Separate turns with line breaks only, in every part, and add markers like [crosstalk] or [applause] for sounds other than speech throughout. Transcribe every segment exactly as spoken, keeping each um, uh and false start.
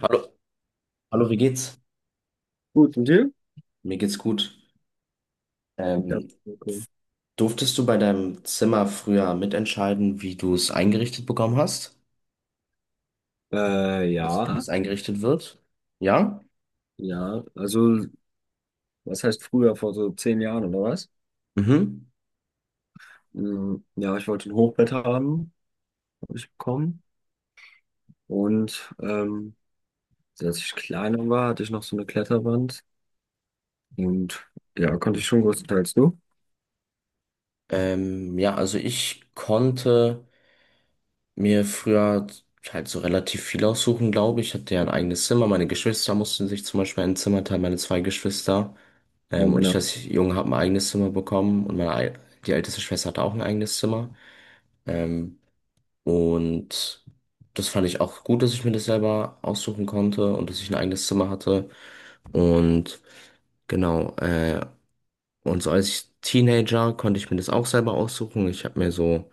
Hallo, hallo, wie geht's?
Gut, und dir?
Mir geht's gut.
Ja.
Ähm,
Okay.
Durftest du bei deinem Zimmer früher mitentscheiden, wie du es eingerichtet bekommen hast?
Äh,
Also, wie
ja,
es eingerichtet wird? Ja?
ja, also, was heißt früher, vor so zehn Jahren oder was?
Mhm.
Mm, Ja, ich wollte ein Hochbett haben, habe ich bekommen. Und ähm, als ich kleiner war, hatte ich noch so eine Kletterwand. Und ja, konnte ich schon größtenteils du.
Ähm, ja, also ich konnte mir früher halt so relativ viel aussuchen, glaube ich. Ich hatte ja ein eigenes Zimmer. Meine Geschwister mussten sich zum Beispiel ein Zimmer teilen, meine zwei Geschwister.
Ja,
Ähm, und
meine
ich
Eltern,
als Junge habe ein eigenes Zimmer bekommen und meine, ei- die älteste Schwester hatte auch ein eigenes Zimmer. Ähm, Und das fand ich auch gut, dass ich mir das selber aussuchen konnte und dass ich ein eigenes Zimmer hatte. Und genau, äh, und so als ich Teenager konnte ich mir das auch selber aussuchen. Ich habe mir so,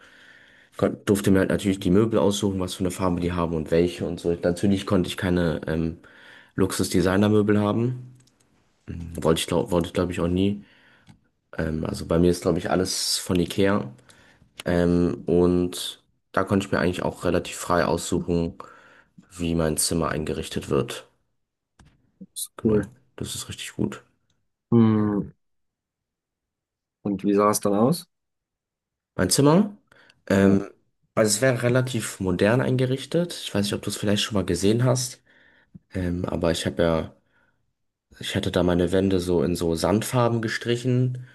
kon- Durfte mir halt natürlich die Möbel aussuchen, was für eine Farbe die haben und welche und so. Natürlich konnte ich keine ähm, Luxus-Designer-Möbel haben. Wollte ich, glaub, wollte ich glaube ich auch nie. Ähm, also bei mir ist glaube ich alles von Ikea. Ähm, und da konnte ich mir eigentlich auch relativ frei aussuchen, wie mein Zimmer eingerichtet wird.
das ist
Genau,
cool.
das ist richtig gut.
Hm, und wie sah es dann aus?
Mein Zimmer,
Ja,
ähm, also es wäre relativ modern eingerichtet. Ich weiß nicht, ob du es vielleicht schon mal gesehen hast, ähm, aber ich habe ja, ich hatte da meine Wände so in so Sandfarben gestrichen.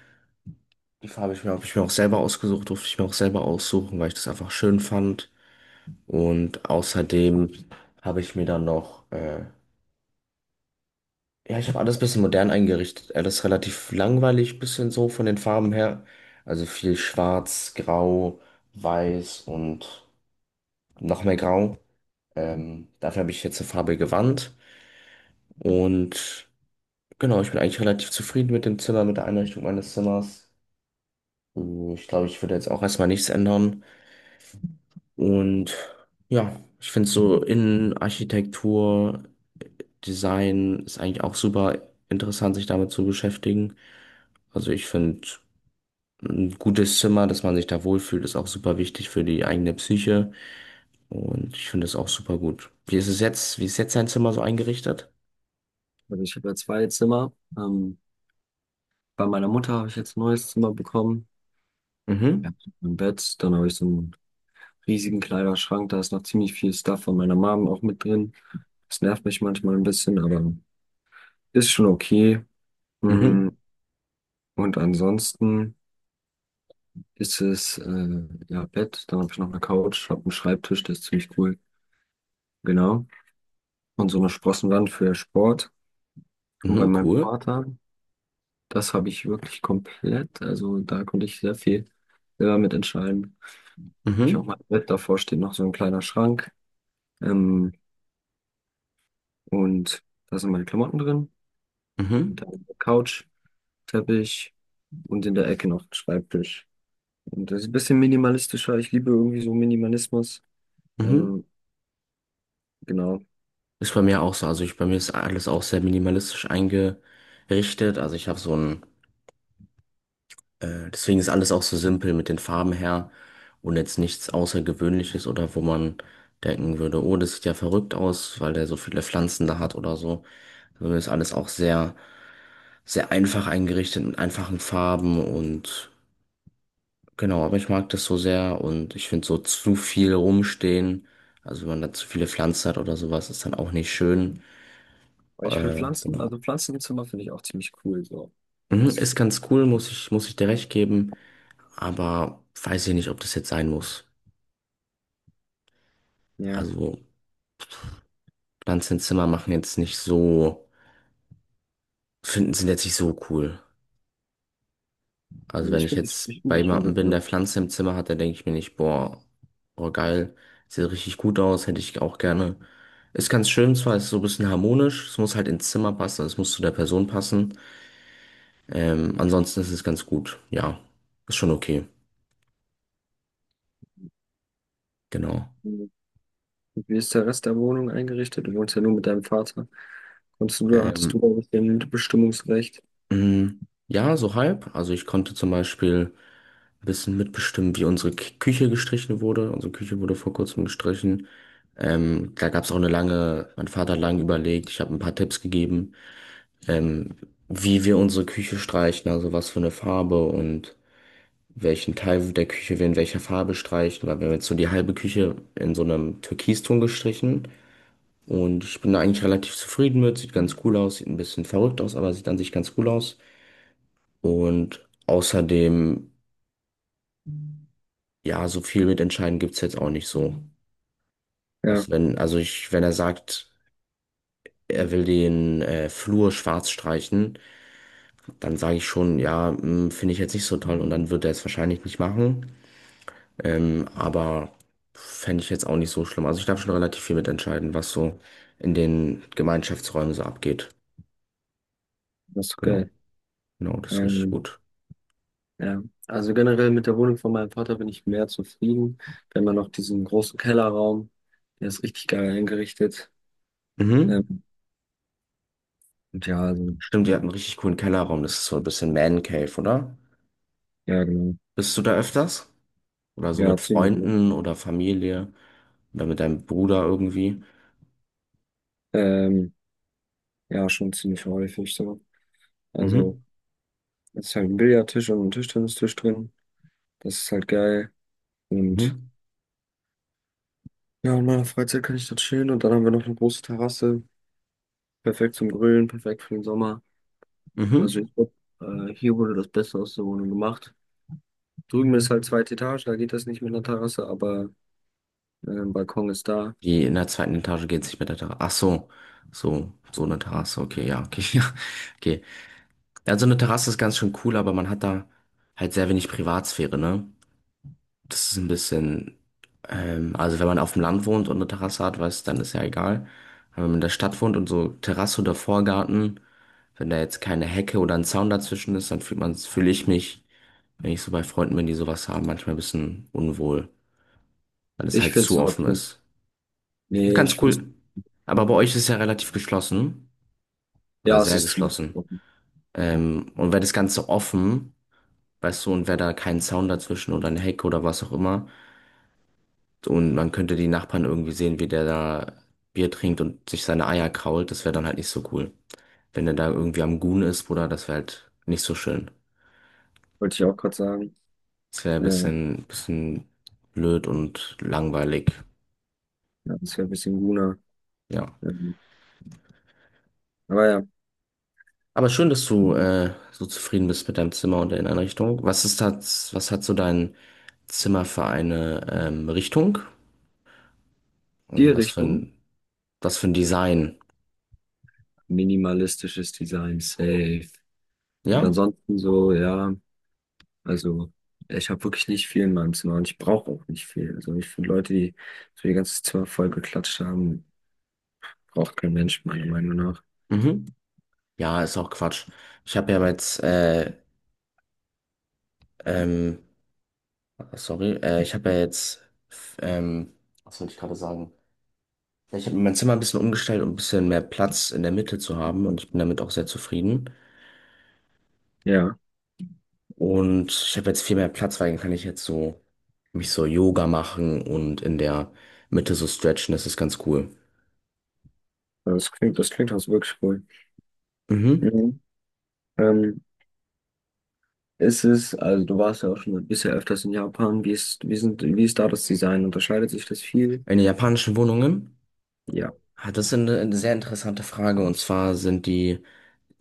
Die Farbe ich mir, habe ich mir auch selber ausgesucht, durfte ich mir auch selber aussuchen, weil ich das einfach schön fand. Und außerdem habe ich mir dann noch äh, ja, ich habe alles ein bisschen modern eingerichtet. Alles relativ langweilig, bisschen so von den Farben her. Also viel schwarz, grau, weiß und noch mehr grau. Ähm, dafür habe ich jetzt eine farbige Wand. Und genau, ich bin eigentlich relativ zufrieden mit dem Zimmer, mit der Einrichtung meines Zimmers. Äh, Ich glaube, ich würde jetzt auch erstmal nichts ändern. Und ja, ich finde so Innenarchitektur, Design ist eigentlich auch super interessant, sich damit zu beschäftigen. Also ich finde. Ein gutes Zimmer, dass man sich da wohlfühlt, ist auch super wichtig für die eigene Psyche. Und ich finde es auch super gut. Wie ist es jetzt? Wie ist jetzt dein Zimmer so eingerichtet?
also ich habe ja zwei Zimmer. Ähm, bei meiner Mutter habe ich jetzt ein neues Zimmer bekommen. Ja,
Mhm,
ein Bett, dann habe ich so ein riesigen Kleiderschrank. Da ist noch ziemlich viel Stuff von meiner Mom auch mit drin. Das nervt mich manchmal ein bisschen, aber ist schon okay. Mm.
mhm,
Und ansonsten ist es, äh, ja, Bett. Dann habe ich noch eine Couch, habe einen Schreibtisch, der ist ziemlich cool. Genau. Und so eine Sprossenwand für Sport. Und bei
mhm,
meinem
cool.
Vater, das habe ich wirklich komplett. Also da konnte ich sehr viel selber mit entscheiden. Hab ich auch mein
Mhm,
Bett, davor steht noch so ein kleiner Schrank. Ähm, und da sind meine Klamotten drin. Und
mhm,
dann eine Couch. Teppich und in der Ecke noch ein Schreibtisch. Und das ist ein bisschen minimalistischer. Ich liebe irgendwie so Minimalismus.
mhm.
Ähm, genau.
Ist bei mir auch so. Also ich, bei mir ist alles auch sehr minimalistisch eingerichtet. Also ich habe so ein Äh, deswegen ist alles auch so simpel mit den Farben her und jetzt nichts Außergewöhnliches oder wo man denken würde, oh, das sieht ja verrückt aus, weil der so viele Pflanzen da hat oder so. Also ist alles auch sehr, sehr einfach eingerichtet mit einfachen Farben und genau, aber ich mag das so sehr und ich finde so zu viel rumstehen. Also wenn man da zu viele Pflanzen hat oder sowas, ist dann auch nicht schön.
Aber ich finde
Äh,
Pflanzen,
genau.
also Pflanzen im Zimmer finde ich auch ziemlich cool. So.
Mhm,
Muss ich
ist
sagen.
ganz cool, muss ich, muss ich dir recht geben, aber weiß ich nicht, ob das jetzt sein muss.
Ja,
Also Lanzenzimmer machen jetzt nicht so, finden, sind jetzt nicht so cool. Also wenn
ich
ich
finde ich, ich
jetzt
find
bei
die schon
jemandem
sehr
bin, der
cool.
Pflanze im Zimmer hat, dann denke ich mir nicht, boah, boah, geil, sieht richtig gut aus, hätte ich auch gerne. Ist ganz schön zwar, ist so ein bisschen harmonisch, es muss halt ins Zimmer passen, also es muss zu der Person passen. Ähm, ansonsten ist es ganz gut, ja, ist schon okay, genau.
Und wie ist der Rest der Wohnung eingerichtet? Du wohnst ja nur mit deinem Vater. Konntest du, hattest du
Ähm,
auch ein bisschen Bestimmungsrecht?
mh, ja, so halb. Also ich konnte zum Beispiel ein bisschen mitbestimmt, wie unsere K Küche gestrichen wurde. Unsere Küche wurde vor kurzem gestrichen. Ähm, da gab es auch eine lange, mein Vater hat lange überlegt, ich habe ein paar Tipps gegeben, ähm, wie wir unsere Küche streichen, also was für eine Farbe und welchen Teil der Küche wir in welcher Farbe streichen, weil wir haben jetzt so die halbe Küche in so einem Türkiston gestrichen und ich bin da eigentlich relativ zufrieden mit, sieht ganz cool aus, sieht ein bisschen verrückt aus, aber sieht an sich ganz cool aus und außerdem, ja, so viel mitentscheiden gibt's jetzt auch nicht so.
Ja,
Also wenn, also ich, wenn er sagt, er will den äh, Flur schwarz streichen, dann sage ich schon, ja, hm, finde ich jetzt nicht so toll und dann wird er es wahrscheinlich nicht machen. Ähm, aber fände ich jetzt auch nicht so schlimm. Also ich darf schon relativ viel mitentscheiden, was so in den Gemeinschaftsräumen so abgeht.
das ist
Genau,
geil.
genau, das ist richtig
Ähm,
gut.
Ja, also generell mit der Wohnung von meinem Vater bin ich mehr zufrieden. Wir haben ja noch diesen großen Kellerraum, der ist richtig geil eingerichtet.
Mhm.
Ähm, und ja, also,
Stimmt, ihr habt einen richtig coolen Kellerraum. Das ist so ein bisschen Man Cave, oder?
ja, genau.
Bist du da öfters? Oder so
Ja,
mit
ziemlich. Ne?
Freunden oder Familie oder mit deinem Bruder irgendwie?
Ähm, ja, schon ziemlich häufig so. Also,
Mhm.
es ist halt ein Billardtisch und ein Tischtennistisch drin. Das ist halt geil. Und
Mhm.
ja, in meiner Freizeit kann ich dort chillen. Und dann haben wir noch eine große Terrasse. Perfekt zum Grillen, perfekt für den Sommer. Also,
Mhm.
ich glaub, äh, hier wurde das Beste aus der Wohnung gemacht. Drüben ist halt zweite Etage, da geht das nicht mit einer Terrasse, aber ähm, Balkon ist da.
Die in der zweiten Etage geht es nicht mit der Terrasse. Ach so, so, so eine Terrasse. Okay, ja, okay, [laughs] ja, okay. Also eine Terrasse ist ganz schön cool, aber man hat da halt sehr wenig Privatsphäre, ne? Das ist ein bisschen, ähm, also wenn man auf dem Land wohnt und eine Terrasse hat, weiß, dann ist ja egal. Aber wenn man in der Stadt wohnt und so Terrasse oder Vorgarten, wenn da jetzt keine Hecke oder ein Zaun dazwischen ist, dann fühlt man, fühle ich mich, wenn ich so bei Freunden bin, die sowas haben, manchmal ein bisschen unwohl, weil es
Ich
halt
find's
zu offen
trotzdem.
ist.
Nee,
Ganz
ich find's
cool. Aber bei euch ist es ja relativ geschlossen oder
ja, es
sehr
ist ziemlich
geschlossen.
offen.
Ähm, und wäre das Ganze offen, weißt du, und wäre da kein Zaun dazwischen oder eine Hecke oder was auch immer. Und man könnte die Nachbarn irgendwie sehen, wie der da Bier trinkt und sich seine Eier krault. Das wäre dann halt nicht so cool. Wenn der da irgendwie am Gun ist, Bruder, das wäre halt nicht so schön.
Wollte ich auch gerade sagen.
Das wäre ein
Ähm,
bisschen, bisschen blöd und langweilig.
ja, das wäre ein bisschen grüner.
Ja.
Ähm, aber ja,
Aber schön, dass du äh, so zufrieden bist mit deinem Zimmer und der Inneneinrichtung. Was ist das, was hat so dein Zimmer für eine ähm, Richtung?
die
Also was für
Richtung.
ein, was für ein Design?
Minimalistisches Design, safe. Und
Ja?
ansonsten so, ja, also ich habe wirklich nicht viel in meinem Zimmer und ich brauche auch nicht viel. Also ich finde Leute, die so ihr ganzes Zimmer voll geklatscht haben, braucht kein Mensch, meiner Meinung nach.
Mhm. Ja, ist auch Quatsch. Ich habe ja jetzt, äh, ähm, sorry, äh, Ich habe ja jetzt, f- ähm, was wollte ich gerade sagen? Ja, ich habe mein Zimmer ein bisschen umgestellt, um ein bisschen mehr Platz in der Mitte zu haben und ich bin damit auch sehr zufrieden.
Ja,
Und ich habe jetzt viel mehr Platz, weil dann kann ich jetzt so mich so Yoga machen und in der Mitte so stretchen. Das ist ganz cool.
das klingt, das klingt auch so wirklich cool.
Mhm.
Mhm. Ähm, ist es, also du warst ja auch schon bisher öfters in Japan. Wie ist, wie sind, wie ist da das Design? Unterscheidet sich das viel?
In den japanischen Wohnungen?
Ja.
Ah, das ist eine, eine sehr interessante Frage. Und zwar sind die,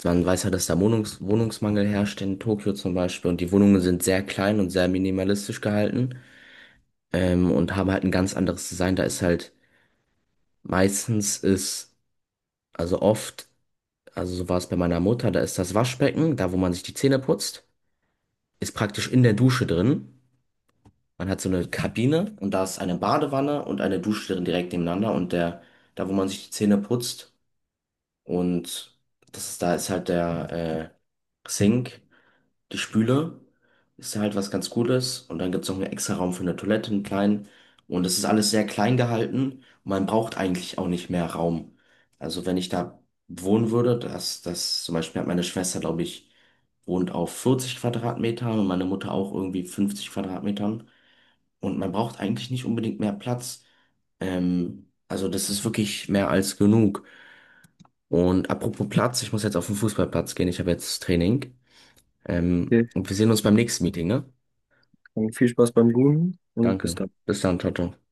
man weiß ja, dass da Wohnungs Wohnungsmangel herrscht in Tokio zum Beispiel. Und die Wohnungen sind sehr klein und sehr minimalistisch gehalten. Ähm, und haben halt ein ganz anderes Design. Da ist halt meistens ist, also oft, also so war es bei meiner Mutter, da ist das Waschbecken, da wo man sich die Zähne putzt, ist praktisch in der Dusche drin. Man hat so eine Kabine und da ist eine Badewanne und eine Dusche drin direkt nebeneinander. Und der, da wo man sich die Zähne putzt, und das ist, da ist halt der äh, Sink, die Spüle, ist halt was ganz Gutes. Und dann gibt's noch einen extra Raum für eine Toilette, einen kleinen. Und es ist alles sehr klein gehalten. Man braucht eigentlich auch nicht mehr Raum. Also wenn ich da wohnen würde, das, das zum Beispiel hat meine Schwester, glaube ich, wohnt auf vierzig Quadratmetern und meine Mutter auch irgendwie fünfzig Quadratmetern. Und man braucht eigentlich nicht unbedingt mehr Platz. Ähm, also das ist wirklich mehr als genug. Und apropos Platz, ich muss jetzt auf den Fußballplatz gehen. Ich habe jetzt Training. Ähm,
Okay.
und wir sehen uns beim nächsten Meeting, ne?
Dann viel Spaß beim Googlen und bis
Danke.
dann.
Bis dann, ciao, ciao.